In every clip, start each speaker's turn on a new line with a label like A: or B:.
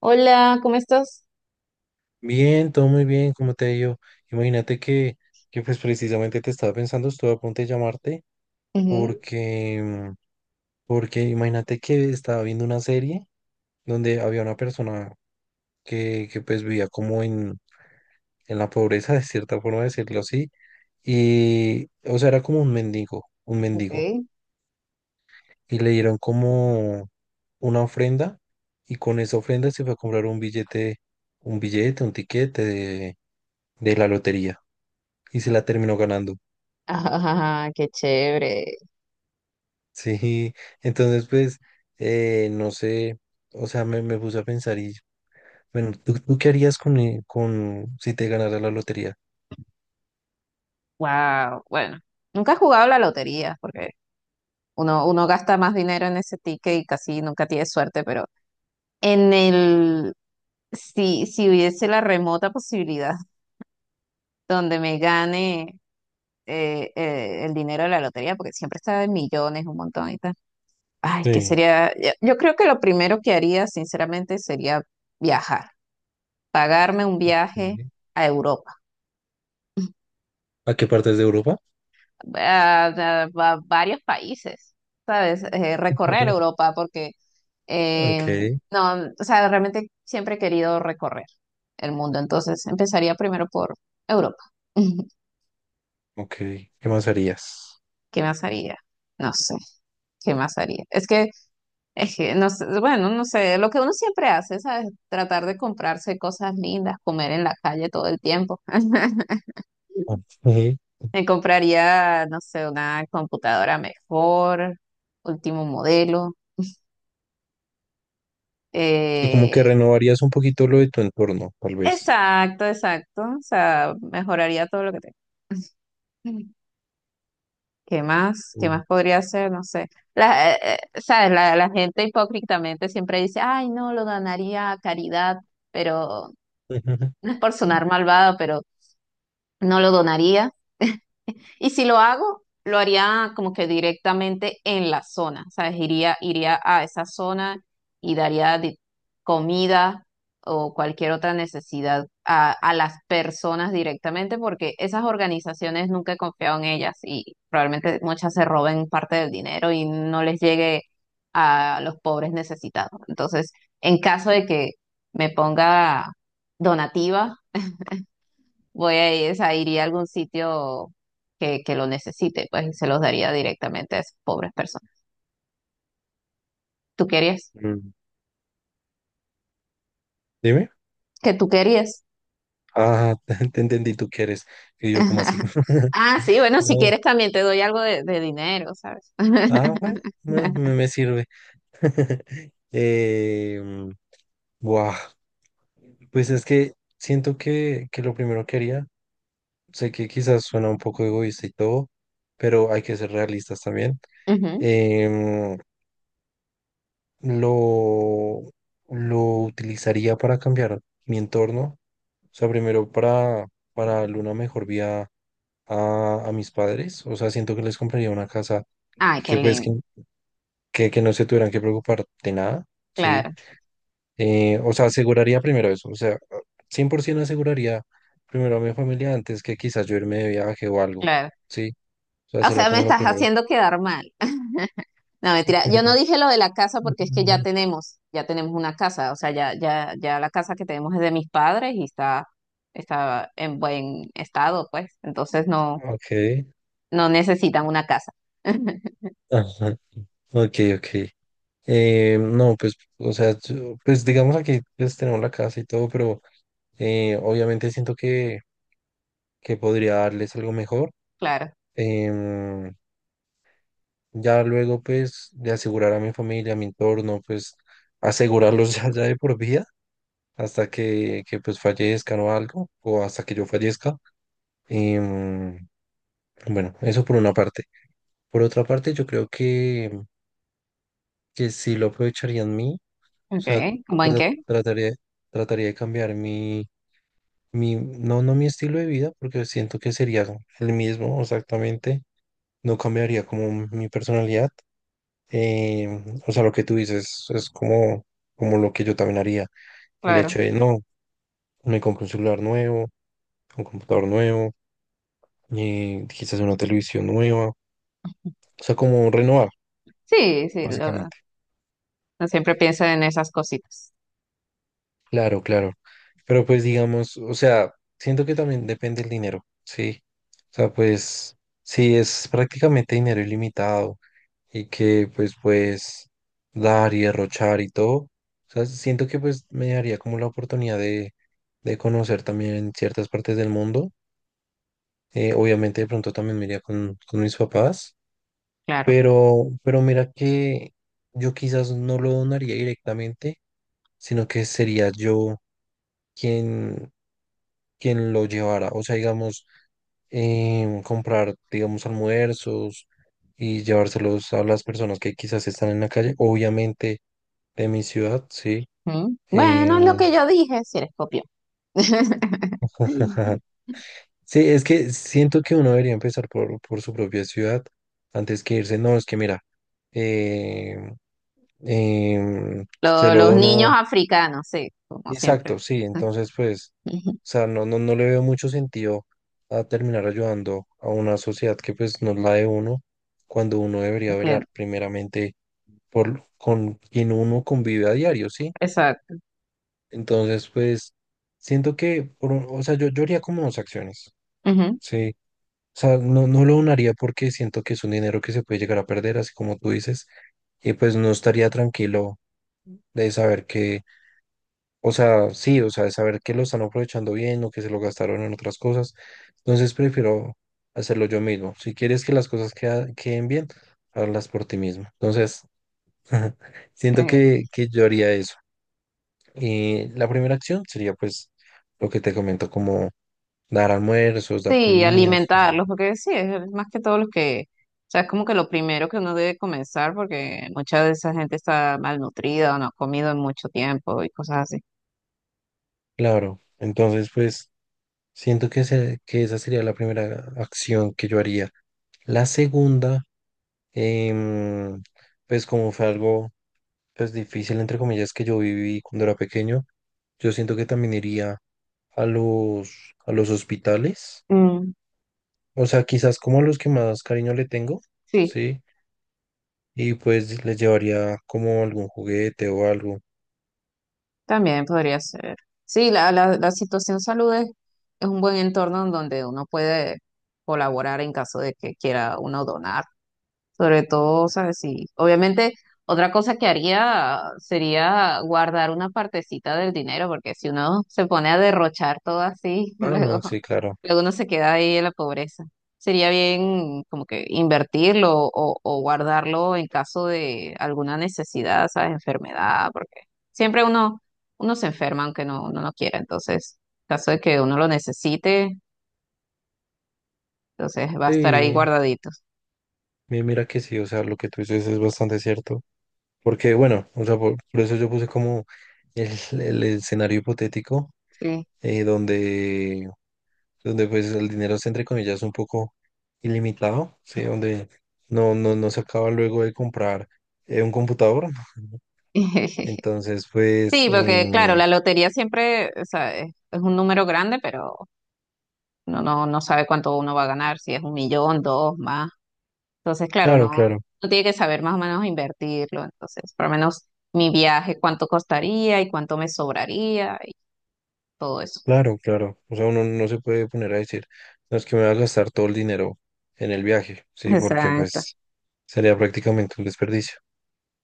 A: Hola, ¿cómo estás?
B: Bien, todo muy bien, como te digo. Imagínate que precisamente te estaba pensando, estuve a punto de llamarte
A: Ujú.
B: porque, porque imagínate que estaba viendo una serie donde había una persona que pues vivía como en la pobreza, de cierta forma decirlo así, y o sea, era como un mendigo,
A: Ok.
B: y le dieron como una ofrenda y con esa ofrenda se fue a comprar un billete, un billete, un tiquete de la lotería y se la terminó ganando.
A: Ajá, qué chévere.
B: Sí, entonces pues, no sé, o sea, me puse a pensar y, bueno, ¿tú qué harías con si te ganara la lotería?
A: Wow. Bueno, nunca he jugado a la lotería porque uno gasta más dinero en ese ticket y casi nunca tiene suerte, pero en el, si hubiese la remota posibilidad donde me gane el dinero de la lotería, porque siempre está en millones, un montón y tal. Ay, que
B: Sí.
A: sería, yo creo que lo primero que haría, sinceramente, sería viajar, pagarme un viaje
B: Sí.
A: a Europa.
B: ¿A qué partes de Europa?
A: a, a- a varios países, ¿sabes? Recorrer Europa, porque eh,
B: Ok,
A: no, o sea, realmente siempre he querido recorrer el mundo, entonces empezaría primero por Europa.
B: ok, ¿qué más harías?
A: ¿Qué más haría? No sé, ¿qué más haría? Es que no sé, bueno, no sé, lo que uno siempre hace, ¿sabes? Tratar de comprarse cosas lindas, comer en la calle todo el tiempo.
B: Ok. O
A: Me compraría, no sé, una computadora mejor, último modelo.
B: sea, como que
A: Eh,
B: renovarías un poquito lo de tu entorno, tal vez.
A: exacto, exacto. O sea, mejoraría todo lo que tengo. ¿Qué más? ¿Qué
B: Mm.
A: más podría hacer? No sé. La, eh, ¿Sabes? La gente hipócritamente siempre dice, ay, no, lo donaría a caridad, pero no es por
B: Mm.
A: sonar malvado, pero no lo donaría. Y si lo hago, lo haría como que directamente en la zona, ¿sabes? Iría a esa zona y comida o cualquier otra necesidad a las personas directamente, porque esas organizaciones nunca he confiado en ellas y probablemente muchas se roben parte del dinero y no les llegue a los pobres necesitados. Entonces, en caso de que me ponga donativa, voy a ir, o sea, iría a algún sitio que lo necesite, pues y se los daría directamente a esas pobres personas. ¿Tú querías?
B: Mm. Dime.
A: ¿Qué tú querías?
B: Ah, te, entendí, tú quieres. Y yo, ¿como así?
A: Ah, sí, bueno, si
B: No.
A: quieres también te doy algo de dinero, ¿sabes?
B: Ah, bueno, bueno, me sirve. Eh, buah, pues es que siento que lo primero que haría, sé que quizás suena un poco egoísta y todo, pero hay que ser realistas también.
A: Ujú.
B: em, lo, lo utilizaría para cambiar mi entorno, o sea, primero para darle una mejor vía a mis padres, o sea, siento que les compraría una casa
A: Ay, qué
B: que pues que,
A: lindo.
B: que, que no se tuvieran que preocupar de nada, ¿sí?
A: Claro,
B: O sea, aseguraría primero eso. O sea, 100% aseguraría primero a mi familia antes que quizás yo irme de viaje o algo.
A: claro.
B: Sí, o sea,
A: O
B: sería
A: sea, me
B: como lo
A: estás
B: primero.
A: haciendo quedar mal. No, mentira. Yo no dije lo de la casa porque es que ya tenemos una casa. O sea, ya, ya, ya la casa que tenemos es de mis padres y está, está en buen estado, pues. Entonces no.
B: Ok,
A: No necesitan una casa.
B: ajá, ok, ok. No, pues, o sea, yo- pues digamos aquí pues, tenemos la casa y todo, pero obviamente siento que podría darles algo mejor.
A: Claro.
B: Em, ya luego, pues, de asegurar a mi familia, a mi entorno, pues, asegurarlos ya, ya de por vida, hasta que pues fallezcan o algo, o hasta que yo fallezca. Em, bueno, eso por una parte. Por otra parte, yo creo que sí lo aprovecharía en mí, o sea,
A: Okay. ¿Cómo en qué?
B: trataría, trataría de cambiar mi, no mi estilo de vida, porque siento que sería el mismo exactamente, no cambiaría como mi personalidad. Em, o sea, lo que tú dices es como, como lo que yo también haría, el
A: Claro.
B: hecho de, no, me compro un celular nuevo, un computador nuevo, quizás una televisión nueva, o sea, como renovar,
A: Sí, sí,
B: básicamente.
A: no siempre pienso en esas cositas.
B: Claro, claro. Pero pues digamos, o sea, siento que también depende el dinero, ¿sí? O sea, pues si es prácticamente dinero ilimitado y que pues puedes dar y derrochar y todo, o sea, siento que pues me daría como la oportunidad de conocer también ciertas partes del mundo. Obviamente de pronto también me iría con mis papás.
A: Claro.
B: Pero mira que yo quizás no lo donaría directamente, sino que sería yo quien, quien lo llevara. O sea, digamos, comprar, digamos, almuerzos y llevárselos a las personas que quizás están en la calle, obviamente de mi ciudad, sí.
A: Mm. Bueno, es lo
B: Em,
A: que yo dije, si eres copión.
B: sí, es que siento que uno debería empezar por su propia ciudad antes que irse. No, es que mira, em, se lo
A: Los niños
B: dono.
A: africanos, sí, como
B: Exacto,
A: siempre.
B: sí, entonces pues,
A: Ujú.
B: o sea, no le veo mucho sentido a terminar ayudando a una sociedad que pues no es la de uno, cuando uno debería velar
A: Entiendo.
B: primeramente por con quien uno convive a diario, ¿sí?
A: Exacto.
B: Entonces pues, siento que, o sea, yo haría como dos acciones,
A: Ujú.
B: ¿sí? O sea, no lo donaría porque siento que es un dinero que se puede llegar a perder, así como tú dices, y pues no estaría tranquilo de saber que. O sea, sí, o sea, de saber que lo están aprovechando bien o que se lo gastaron en otras cosas. Entonces prefiero hacerlo yo mismo. Si quieres que las cosas queden bien, hazlas por ti mismo. Entonces, siento
A: Eh,
B: que yo haría eso. Y la primera acción sería pues lo que te comento, como dar almuerzos, dar
A: sí,
B: comidas, ¿no?
A: alimentarlos, porque sí, es más que todo los que, o sea, es como que lo primero que uno debe comenzar, porque mucha de esa gente está malnutrida o no ha comido en mucho tiempo y cosas así.
B: Claro, entonces pues siento que, que esa sería la primera acción que yo haría. La segunda, em, pues como fue algo pues difícil, entre comillas, que yo viví cuando era pequeño, yo siento que también iría a a los hospitales, o sea, quizás como a los que más cariño le tengo,
A: Sí,
B: ¿sí? Y pues les llevaría como algún juguete o algo.
A: también podría ser. Sí, la situación salud es un buen entorno en donde uno puede colaborar en caso de que quiera uno donar. Sobre todo, ¿sabes? Sí. Obviamente, otra cosa que haría sería guardar una partecita del dinero, porque si uno se pone a derrochar todo así,
B: Ah,
A: luego,
B: no, sí, claro.
A: luego uno se queda ahí en la pobreza. Sería bien como que invertirlo o guardarlo en caso de alguna necesidad, ¿sabes? Enfermedad, porque siempre uno, uno se enferma aunque no, uno no quiera. Entonces, en caso de que uno lo necesite, entonces va a estar ahí
B: Sí,
A: guardadito.
B: mira que sí, o sea, lo que tú dices es bastante cierto, porque bueno, o sea, por eso yo puse como el, el escenario hipotético,
A: Sí.
B: donde pues el dinero es entre comillas un poco ilimitado, ¿sí? Donde no se acaba luego de comprar un computador. Entonces, pues,
A: Sí, porque claro, la lotería siempre, o sea, es un número grande, pero uno no, no sabe cuánto uno va a ganar, si es un millón, dos, más. Entonces, claro, no,
B: claro, claro,
A: uno tiene que saber más o menos invertirlo. Entonces, por lo menos mi viaje, cuánto costaría y cuánto me sobraría y todo eso.
B: claro, claro. O sea, uno no se puede poner a decir, no es que me va a gastar todo el dinero en el viaje, ¿sí? Porque
A: Exacto.
B: pues sería prácticamente un desperdicio.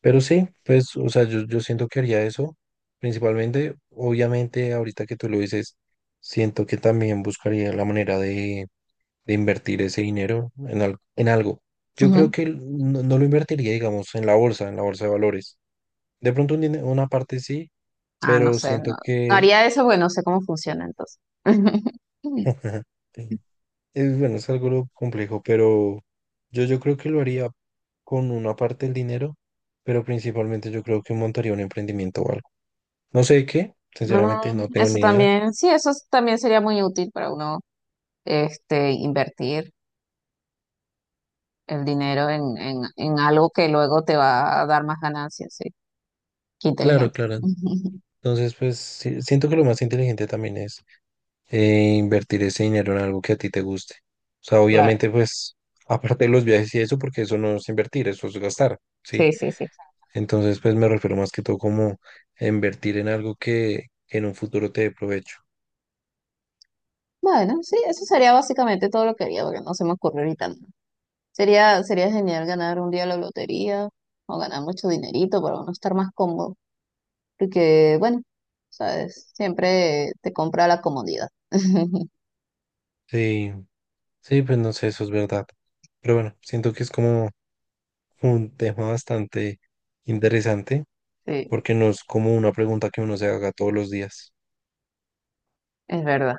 B: Pero sí, pues, o sea, yo siento que haría eso, principalmente, obviamente, ahorita que tú lo dices, siento que también buscaría la manera de invertir ese dinero en, en algo. Yo creo
A: Ujú.
B: que no, no lo invertiría, digamos, en la bolsa de valores. De pronto una parte sí,
A: Ah, no
B: pero
A: sé, no,
B: siento
A: no
B: que
A: haría eso porque no sé cómo funciona entonces.
B: es bueno, es algo complejo, pero yo creo que lo haría con una parte del dinero, pero principalmente yo creo que montaría un emprendimiento o algo. No sé de qué, sinceramente
A: Mm,
B: no tengo
A: eso
B: ni idea.
A: también, sí, eso es- también sería muy útil para uno, este, invertir el dinero en algo que luego te va a dar más ganancias, sí. Qué
B: Claro,
A: inteligente.
B: claro. Entonces, pues sí, siento que lo más inteligente también es e invertir ese dinero en algo que a ti te guste. O sea,
A: Claro,
B: obviamente, pues, aparte de los viajes y eso, porque eso no es invertir, eso es gastar, ¿sí?
A: sí, sí, sí.
B: Entonces, pues me refiero más que todo como a invertir en algo que en un futuro te dé provecho.
A: Bueno, sí, eso sería básicamente todo lo que haría, porque no se me ocurre ahorita nada. Sería, sería genial ganar un día la lotería o ganar mucho dinerito para uno estar más cómodo, porque, bueno, sabes, siempre te compra la comodidad.
B: Sí, sí, pues no sé, eso es verdad. Pero bueno, siento que es como un tema bastante interesante,
A: Sí,
B: porque no es como una pregunta que uno se haga todos los días.
A: es verdad.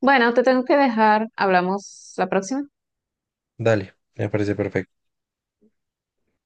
A: Bueno, te tengo que dejar. Hablamos la próxima.
B: Dale, me parece perfecto.